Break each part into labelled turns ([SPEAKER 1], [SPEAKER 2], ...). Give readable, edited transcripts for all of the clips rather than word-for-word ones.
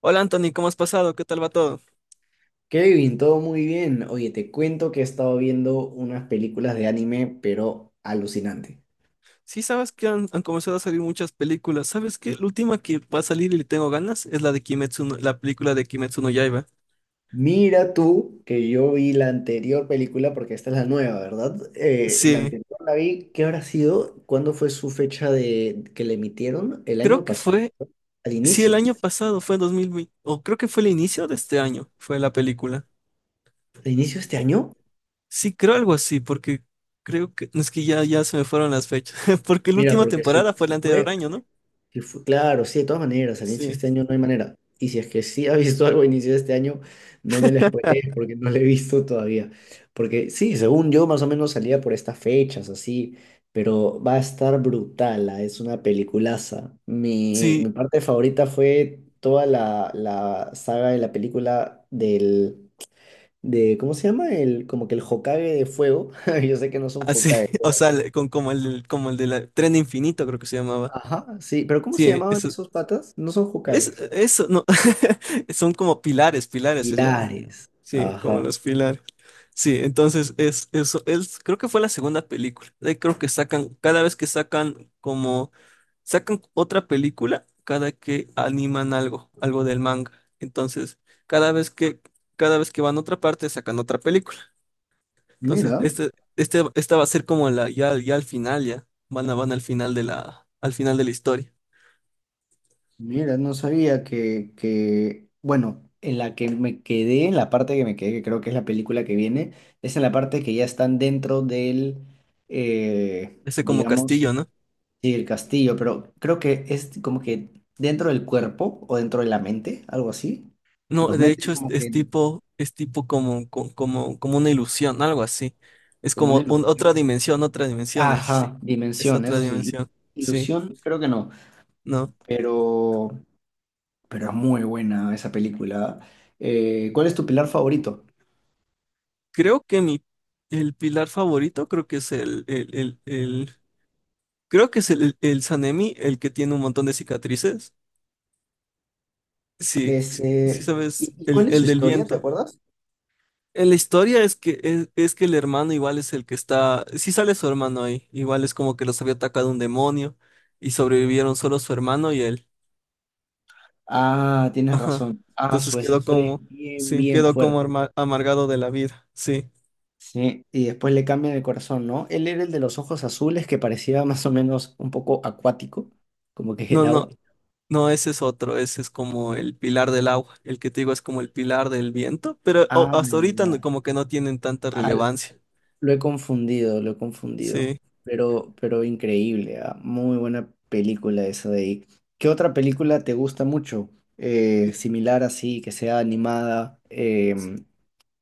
[SPEAKER 1] Hola Anthony, ¿cómo has pasado? ¿Qué tal va todo?
[SPEAKER 2] Kevin, todo muy bien. Oye, te cuento que he estado viendo unas películas de anime, pero alucinante.
[SPEAKER 1] Sí, sabes que han comenzado a salir muchas películas. ¿Sabes qué? La última que va a salir y le tengo ganas es la de Kimetsu, la película de Kimetsu no Yaiba.
[SPEAKER 2] Mira tú que yo vi la anterior película, porque esta es la nueva, ¿verdad? La
[SPEAKER 1] Sí,
[SPEAKER 2] anterior la vi, ¿qué habrá sido? ¿Cuándo fue su fecha de que le emitieron? El año
[SPEAKER 1] creo que
[SPEAKER 2] pasado,
[SPEAKER 1] fue,
[SPEAKER 2] al
[SPEAKER 1] sí, el
[SPEAKER 2] inicio.
[SPEAKER 1] año pasado, fue en 2020, o creo que fue el inicio de este año, fue la película.
[SPEAKER 2] ¿Al inicio de este año?
[SPEAKER 1] Sí, creo algo así, porque creo que, es que ya, ya se me fueron las fechas, porque la
[SPEAKER 2] Mira,
[SPEAKER 1] última
[SPEAKER 2] porque si,
[SPEAKER 1] temporada fue el
[SPEAKER 2] si
[SPEAKER 1] anterior
[SPEAKER 2] fue
[SPEAKER 1] año, ¿no?
[SPEAKER 2] Claro, sí, de todas maneras, al inicio de
[SPEAKER 1] Sí,
[SPEAKER 2] este año no hay manera. Y si es que sí ha visto algo a inicio de este año, no me la spoilees porque no lo he visto todavía. Porque sí, según yo, más o menos salía por estas fechas, así, pero va a estar brutal, ah, es una peliculaza. Mi,
[SPEAKER 1] sí,
[SPEAKER 2] mi parte favorita fue toda la saga de la película de, ¿cómo se llama? Como que el Hokage de fuego. Yo sé que no son
[SPEAKER 1] así,
[SPEAKER 2] Hokage.
[SPEAKER 1] o sea, como como el de la Tren Infinito, creo que se llamaba.
[SPEAKER 2] Ajá, sí, pero ¿cómo se
[SPEAKER 1] Sí,
[SPEAKER 2] llamaban
[SPEAKER 1] eso.
[SPEAKER 2] esos patas? No son Hokages.
[SPEAKER 1] Eso, no. Son como pilares, pilares se llaman.
[SPEAKER 2] Pilares.
[SPEAKER 1] Sí, como
[SPEAKER 2] Ajá.
[SPEAKER 1] los pilares. Sí, entonces es eso. Es, creo que fue la segunda película. Creo que sacan, cada vez que sacan otra película, cada que animan algo, algo del manga. Entonces, cada vez que, cada vez que van a otra parte, sacan otra película. Entonces,
[SPEAKER 2] Mira,
[SPEAKER 1] esta va a ser como la, ya, ya al final, ya. Van a, van al final de la, al final de la historia.
[SPEAKER 2] mira, no sabía que, bueno, en la parte que me quedé, que creo que es la película que viene, es en la parte que ya están dentro del,
[SPEAKER 1] Ese como
[SPEAKER 2] digamos,
[SPEAKER 1] castillo, ¿no?
[SPEAKER 2] sí, el castillo, pero creo que es como que dentro del cuerpo o dentro de la mente, algo así.
[SPEAKER 1] No,
[SPEAKER 2] Los
[SPEAKER 1] de
[SPEAKER 2] mete
[SPEAKER 1] hecho
[SPEAKER 2] como que,
[SPEAKER 1] es tipo como, como, como una ilusión, algo así. Es
[SPEAKER 2] como una
[SPEAKER 1] como
[SPEAKER 2] ilusión.
[SPEAKER 1] otra dimensión, es, sí,
[SPEAKER 2] Ajá,
[SPEAKER 1] es
[SPEAKER 2] dimensión,
[SPEAKER 1] otra
[SPEAKER 2] eso sí.
[SPEAKER 1] dimensión, sí,
[SPEAKER 2] Ilusión, creo que no,
[SPEAKER 1] no.
[SPEAKER 2] pero... pero es muy buena esa película. ¿Cuál es tu pilar favorito?
[SPEAKER 1] Creo que mi, el pilar favorito creo que es creo que es el Sanemi, el que tiene un montón de cicatrices. Sí, sí, sí
[SPEAKER 2] Ese, ¿y,
[SPEAKER 1] sabes,
[SPEAKER 2] y ¿cuál es su
[SPEAKER 1] el del
[SPEAKER 2] historia? ¿Te
[SPEAKER 1] viento.
[SPEAKER 2] acuerdas?
[SPEAKER 1] La historia es que es que el hermano igual es el que está, sí sale su hermano ahí, igual es como que los había atacado un demonio y sobrevivieron solo su hermano y él.
[SPEAKER 2] Ah, tienes
[SPEAKER 1] Ajá.
[SPEAKER 2] razón. Ah,
[SPEAKER 1] Entonces
[SPEAKER 2] su esa
[SPEAKER 1] quedó
[SPEAKER 2] historia es
[SPEAKER 1] como,
[SPEAKER 2] bien,
[SPEAKER 1] sí,
[SPEAKER 2] bien
[SPEAKER 1] quedó como
[SPEAKER 2] fuerte.
[SPEAKER 1] amargado de la vida, sí.
[SPEAKER 2] Sí, y después le cambian el corazón, ¿no? Él era el de los ojos azules que parecía más o menos un poco acuático, como que el
[SPEAKER 1] No, no,
[SPEAKER 2] agua.
[SPEAKER 1] no, ese es otro, ese es como el pilar del agua, el que te digo es como el pilar del viento, pero oh,
[SPEAKER 2] Ah,
[SPEAKER 1] hasta ahorita
[SPEAKER 2] ya.
[SPEAKER 1] como que no tienen tanta
[SPEAKER 2] Ah,
[SPEAKER 1] relevancia,
[SPEAKER 2] lo he confundido, lo he confundido.
[SPEAKER 1] sí.
[SPEAKER 2] Pero, increíble, ah, muy buena película esa de ahí. ¿Qué otra película te gusta mucho? Similar así, que sea animada.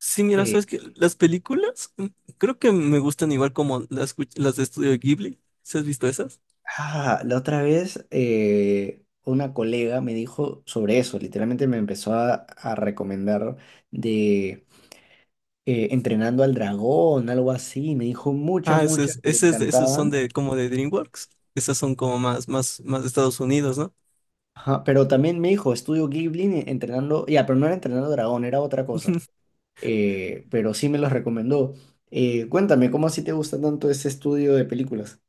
[SPEAKER 1] Sí, mira,
[SPEAKER 2] eh,
[SPEAKER 1] sabes que las películas mm, creo que me gustan igual como las de Estudio Ghibli. ¿Sí has visto esas?
[SPEAKER 2] la otra vez una colega me dijo sobre eso. Literalmente me empezó a recomendar de Entrenando al Dragón, algo así. Me dijo muchas,
[SPEAKER 1] Ah,
[SPEAKER 2] muchas que le
[SPEAKER 1] ese es esos son
[SPEAKER 2] encantaban.
[SPEAKER 1] de como de DreamWorks. Esas son como más, más, más de Estados Unidos, ¿no?
[SPEAKER 2] Ajá, pero también me dijo, estudio Ghibli entrenando, ya, pero no era entrenando dragón, era otra cosa, pero sí me los recomendó. Cuéntame, ¿cómo así te gusta tanto ese estudio de películas?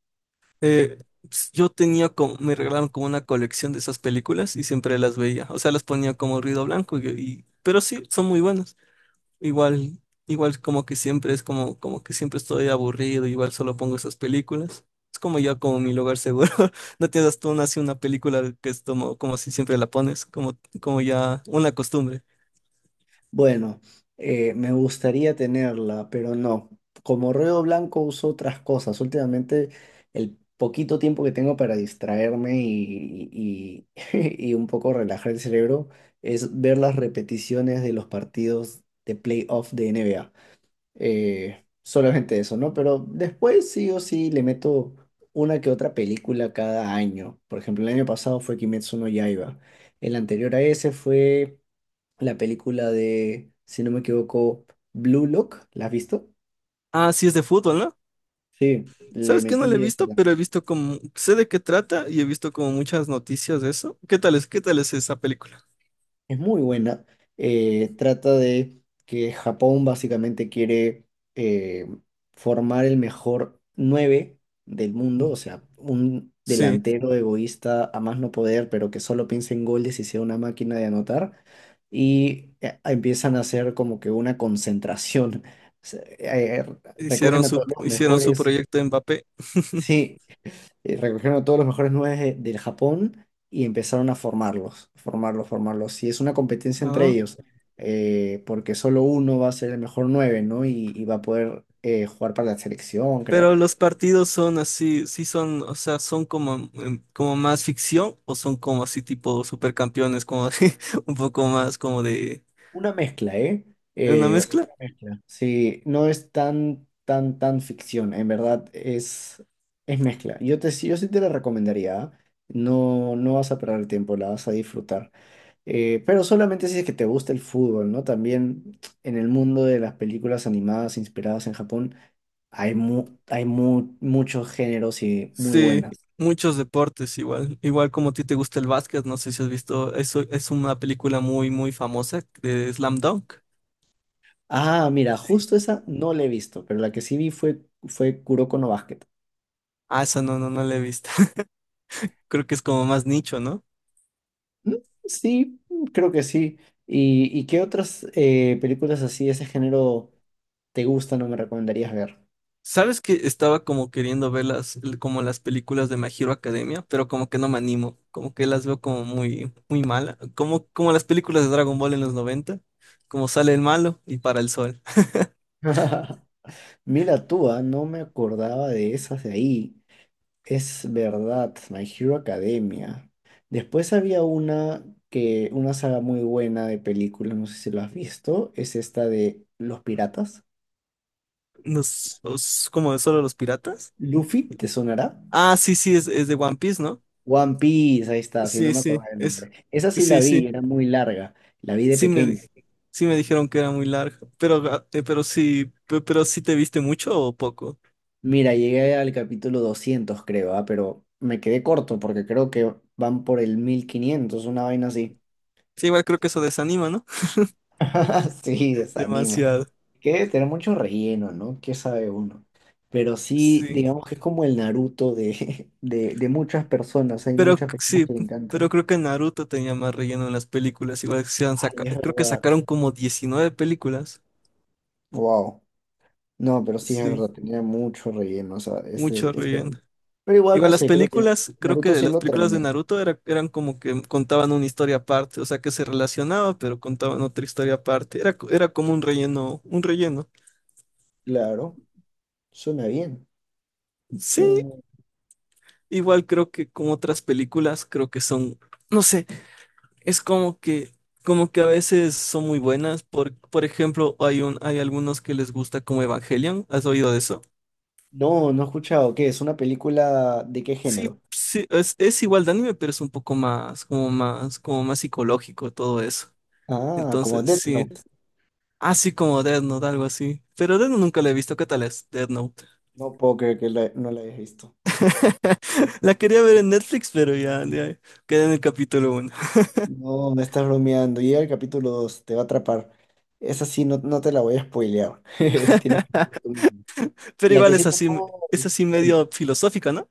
[SPEAKER 1] Eh, pues, yo tenía como, me regalaron como una colección de esas películas y siempre las veía. O sea, las ponía como ruido blanco pero sí, son muy buenas. Igual, igual como que siempre es como, como que siempre estoy aburrido, igual solo pongo esas películas. Es como ya como mi lugar seguro. No tienes tú una, así una película que es como, como si siempre la pones, como, como ya una costumbre.
[SPEAKER 2] Bueno, me gustaría tenerla, pero no. Como ruedo blanco uso otras cosas. Últimamente, el poquito tiempo que tengo para distraerme y un poco relajar el cerebro es ver las repeticiones de los partidos de playoff de NBA. Solamente eso, ¿no? Pero después sí o sí le meto una que otra película cada año. Por ejemplo, el año pasado fue Kimetsu no Yaiba. El anterior a ese fue la película de, si no me equivoco, Blue Lock. ¿La has visto?
[SPEAKER 1] Ah, sí es de fútbol, ¿no?
[SPEAKER 2] Sí, le
[SPEAKER 1] ¿Sabes que no la he
[SPEAKER 2] metí esa
[SPEAKER 1] visto? Pero he
[SPEAKER 2] también.
[SPEAKER 1] visto como, sé de qué trata y he visto como muchas noticias de eso. Qué tal es esa película?
[SPEAKER 2] Es muy buena. Trata de que Japón básicamente quiere eh, formar el mejor 9 del mundo, o sea, un
[SPEAKER 1] Sí,
[SPEAKER 2] delantero egoísta a más no poder, pero que solo piense en goles y sea una máquina de anotar. Y empiezan a hacer como que una concentración. Se- eh, recogen a todos los
[SPEAKER 1] hicieron su
[SPEAKER 2] mejores.
[SPEAKER 1] proyecto en Mbappé.
[SPEAKER 2] Sí, recogieron a todos los mejores nueve del Japón y empezaron a formarlos, formarlos, formarlos. Y es una competencia entre
[SPEAKER 1] Ah.
[SPEAKER 2] ellos, porque solo uno va a ser el mejor nueve, ¿no? Y va a poder jugar para la selección, creo.
[SPEAKER 1] Pero los partidos son así, sí son, o sea, son como, em, como más ficción o son como así tipo supercampeones, un poco más como de
[SPEAKER 2] Una mezcla, ¿eh?
[SPEAKER 1] una
[SPEAKER 2] Eh,
[SPEAKER 1] mezcla.
[SPEAKER 2] una mezcla. Sí, no es tan, tan, tan ficción, en verdad es, mezcla. Yo sí te la recomendaría, ¿ah? No, no vas a perder el tiempo, la vas a disfrutar. Pero solamente si es que te gusta el fútbol, ¿no? También en el mundo de las películas animadas inspiradas en Japón hay, muchos géneros y muy
[SPEAKER 1] Sí,
[SPEAKER 2] buenas.
[SPEAKER 1] muchos deportes igual, igual como a ti te gusta el básquet, no sé si has visto, eso es una película muy, muy famosa de Slam Dunk.
[SPEAKER 2] Ah, mira, justo esa no la he visto, pero la que sí vi fue, fue Kuroko no Basket.
[SPEAKER 1] Ah, esa no, no, no la he visto. Creo que es como más nicho, ¿no?
[SPEAKER 2] Mm, sí, creo que sí. ¿Y qué otras películas así de ese género te gustan o me recomendarías ver?
[SPEAKER 1] Sabes que estaba como queriendo ver las, como las películas de My Hero Academia, pero como que no me animo, como que las veo como muy, muy mala, como, como las películas de Dragon Ball en los 90, como sale el malo y para el sol.
[SPEAKER 2] Mira tú, ah, no me acordaba de esas de ahí. Es verdad, My Hero Academia. Después había una saga muy buena de películas, no sé si lo has visto, es esta de Los Piratas.
[SPEAKER 1] Los, como de solo los piratas.
[SPEAKER 2] Luffy, ¿te sonará?
[SPEAKER 1] Ah, sí, sí, es de One Piece, ¿no?
[SPEAKER 2] One Piece, ahí está, si no
[SPEAKER 1] Sí,
[SPEAKER 2] me
[SPEAKER 1] sí,
[SPEAKER 2] acordaba el
[SPEAKER 1] es,
[SPEAKER 2] nombre. Esa sí la
[SPEAKER 1] sí,
[SPEAKER 2] vi,
[SPEAKER 1] sí,
[SPEAKER 2] era muy larga, la vi de
[SPEAKER 1] sí me, di-
[SPEAKER 2] pequeña.
[SPEAKER 1] sí me dijeron que era muy larga, pero, pero sí, pero sí te viste mucho o poco.
[SPEAKER 2] Mira, llegué al capítulo 200 creo, ah, pero me quedé corto porque creo que van por el 1.500 una vaina así.
[SPEAKER 1] Sí, igual creo que eso desanima, ¿no?
[SPEAKER 2] Sí, desanima.
[SPEAKER 1] Demasiado.
[SPEAKER 2] Que debe tener mucho relleno, ¿no? ¿Qué sabe uno? Pero sí,
[SPEAKER 1] Sí.
[SPEAKER 2] digamos que es como el Naruto de muchas personas. Hay
[SPEAKER 1] Pero
[SPEAKER 2] muchas personas
[SPEAKER 1] sí,
[SPEAKER 2] que le
[SPEAKER 1] pero
[SPEAKER 2] encantan.
[SPEAKER 1] creo que Naruto tenía más relleno en las películas. Igual que
[SPEAKER 2] Ay, es
[SPEAKER 1] creo que
[SPEAKER 2] verdad.
[SPEAKER 1] sacaron como 19 películas.
[SPEAKER 2] Wow. No, pero sí es
[SPEAKER 1] Sí,
[SPEAKER 2] verdad, tenía mucho relleno, o sea,
[SPEAKER 1] mucho
[SPEAKER 2] ese.
[SPEAKER 1] relleno.
[SPEAKER 2] Pero igual, no
[SPEAKER 1] Igual las
[SPEAKER 2] sé, creo que
[SPEAKER 1] películas, creo que
[SPEAKER 2] Naruto
[SPEAKER 1] de
[SPEAKER 2] sí
[SPEAKER 1] las
[SPEAKER 2] lo
[SPEAKER 1] películas de
[SPEAKER 2] terminé.
[SPEAKER 1] Naruto eran como que contaban una historia aparte, o sea que se relacionaba, pero contaban otra historia aparte. Era como un relleno, un relleno.
[SPEAKER 2] Claro, suena bien.
[SPEAKER 1] Sí,
[SPEAKER 2] suena muy-
[SPEAKER 1] igual creo que como otras películas, creo que son, no sé, es como que a veces son muy buenas. Por ejemplo, hay hay algunos que les gusta como Evangelion. ¿Has oído de eso?
[SPEAKER 2] No, no he escuchado. ¿Qué? ¿Es una película de qué
[SPEAKER 1] Sí,
[SPEAKER 2] género?
[SPEAKER 1] sí, es igual de anime, pero es un poco más, como más, como más psicológico todo eso.
[SPEAKER 2] Ah, como
[SPEAKER 1] Entonces,
[SPEAKER 2] Death
[SPEAKER 1] sí.
[SPEAKER 2] Note.
[SPEAKER 1] Así como Death Note, algo así. Pero Death Note nunca la he visto. ¿Qué tal es Death Note?
[SPEAKER 2] No puedo creer que no la hayas visto.
[SPEAKER 1] La quería ver en Netflix, pero ya, ya quedé en el capítulo uno.
[SPEAKER 2] No, me estás bromeando. Llega el capítulo 2 te va a atrapar. Esa sí, no, no te la voy a spoilear. Tienes que verla tú mismo.
[SPEAKER 1] Pero
[SPEAKER 2] La
[SPEAKER 1] igual
[SPEAKER 2] que sí te puedo.
[SPEAKER 1] es así medio filosófica, ¿no?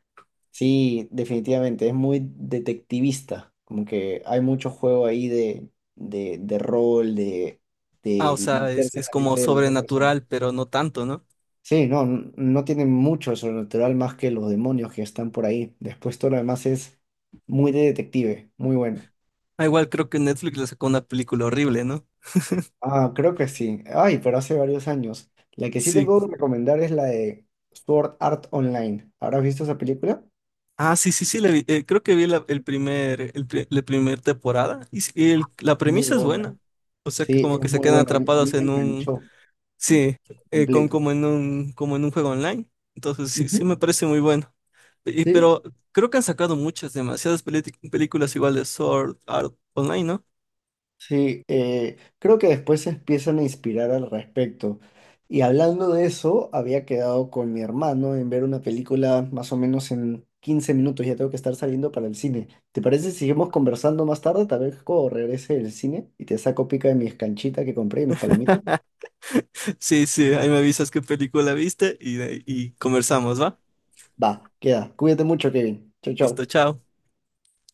[SPEAKER 2] Sí, definitivamente. Es muy detectivista. Como que hay mucho juego ahí de rol, de,
[SPEAKER 1] Ah, o
[SPEAKER 2] de
[SPEAKER 1] sea,
[SPEAKER 2] meterse en
[SPEAKER 1] es
[SPEAKER 2] la
[SPEAKER 1] como
[SPEAKER 2] mente de la otra persona.
[SPEAKER 1] sobrenatural, pero no tanto, ¿no?
[SPEAKER 2] Sí, no, no tiene mucho de sobrenatural más que los demonios que están por ahí. Después todo lo demás es muy de detective, muy bueno.
[SPEAKER 1] Ah, igual creo que Netflix le sacó una película horrible, ¿no?
[SPEAKER 2] Ah, creo que sí. Ay, pero hace varios años. La que sí te
[SPEAKER 1] Sí.
[SPEAKER 2] puedo recomendar es la de Sword Art Online. ¿Habrás visto esa película?
[SPEAKER 1] Ah, sí, sí, sí, la vi. Creo que vi la, el primer, el, pri- la primer temporada y, sí, y la
[SPEAKER 2] Muy
[SPEAKER 1] premisa es
[SPEAKER 2] buena.
[SPEAKER 1] buena. O sea que
[SPEAKER 2] Sí,
[SPEAKER 1] como
[SPEAKER 2] es
[SPEAKER 1] que se
[SPEAKER 2] muy
[SPEAKER 1] quedan
[SPEAKER 2] buena. A mí,
[SPEAKER 1] atrapados
[SPEAKER 2] me
[SPEAKER 1] en un,
[SPEAKER 2] enganchó
[SPEAKER 1] sí, con,
[SPEAKER 2] completo.
[SPEAKER 1] como en un juego online. Entonces sí, sí me
[SPEAKER 2] Ujú.
[SPEAKER 1] parece muy bueno. Y,
[SPEAKER 2] Sí,
[SPEAKER 1] pero creo que han sacado muchas, películas igual de Sword Art Online, ¿no?
[SPEAKER 2] sí, creo que después se empiezan a inspirar al respecto. Y hablando de eso, había quedado con mi hermano en ver una película más o menos en 15 minutos. Ya tengo que estar saliendo para el cine. ¿Te parece si seguimos conversando más tarde? Tal vez cuando regrese del cine y te saco pica de mis canchitas que compré y mis palomitas.
[SPEAKER 1] Sí, sí, ahí me avisas qué película viste y conversamos, ¿va?
[SPEAKER 2] Va, queda. Cuídate mucho, Kevin. Chau, chau.
[SPEAKER 1] Listo, chao.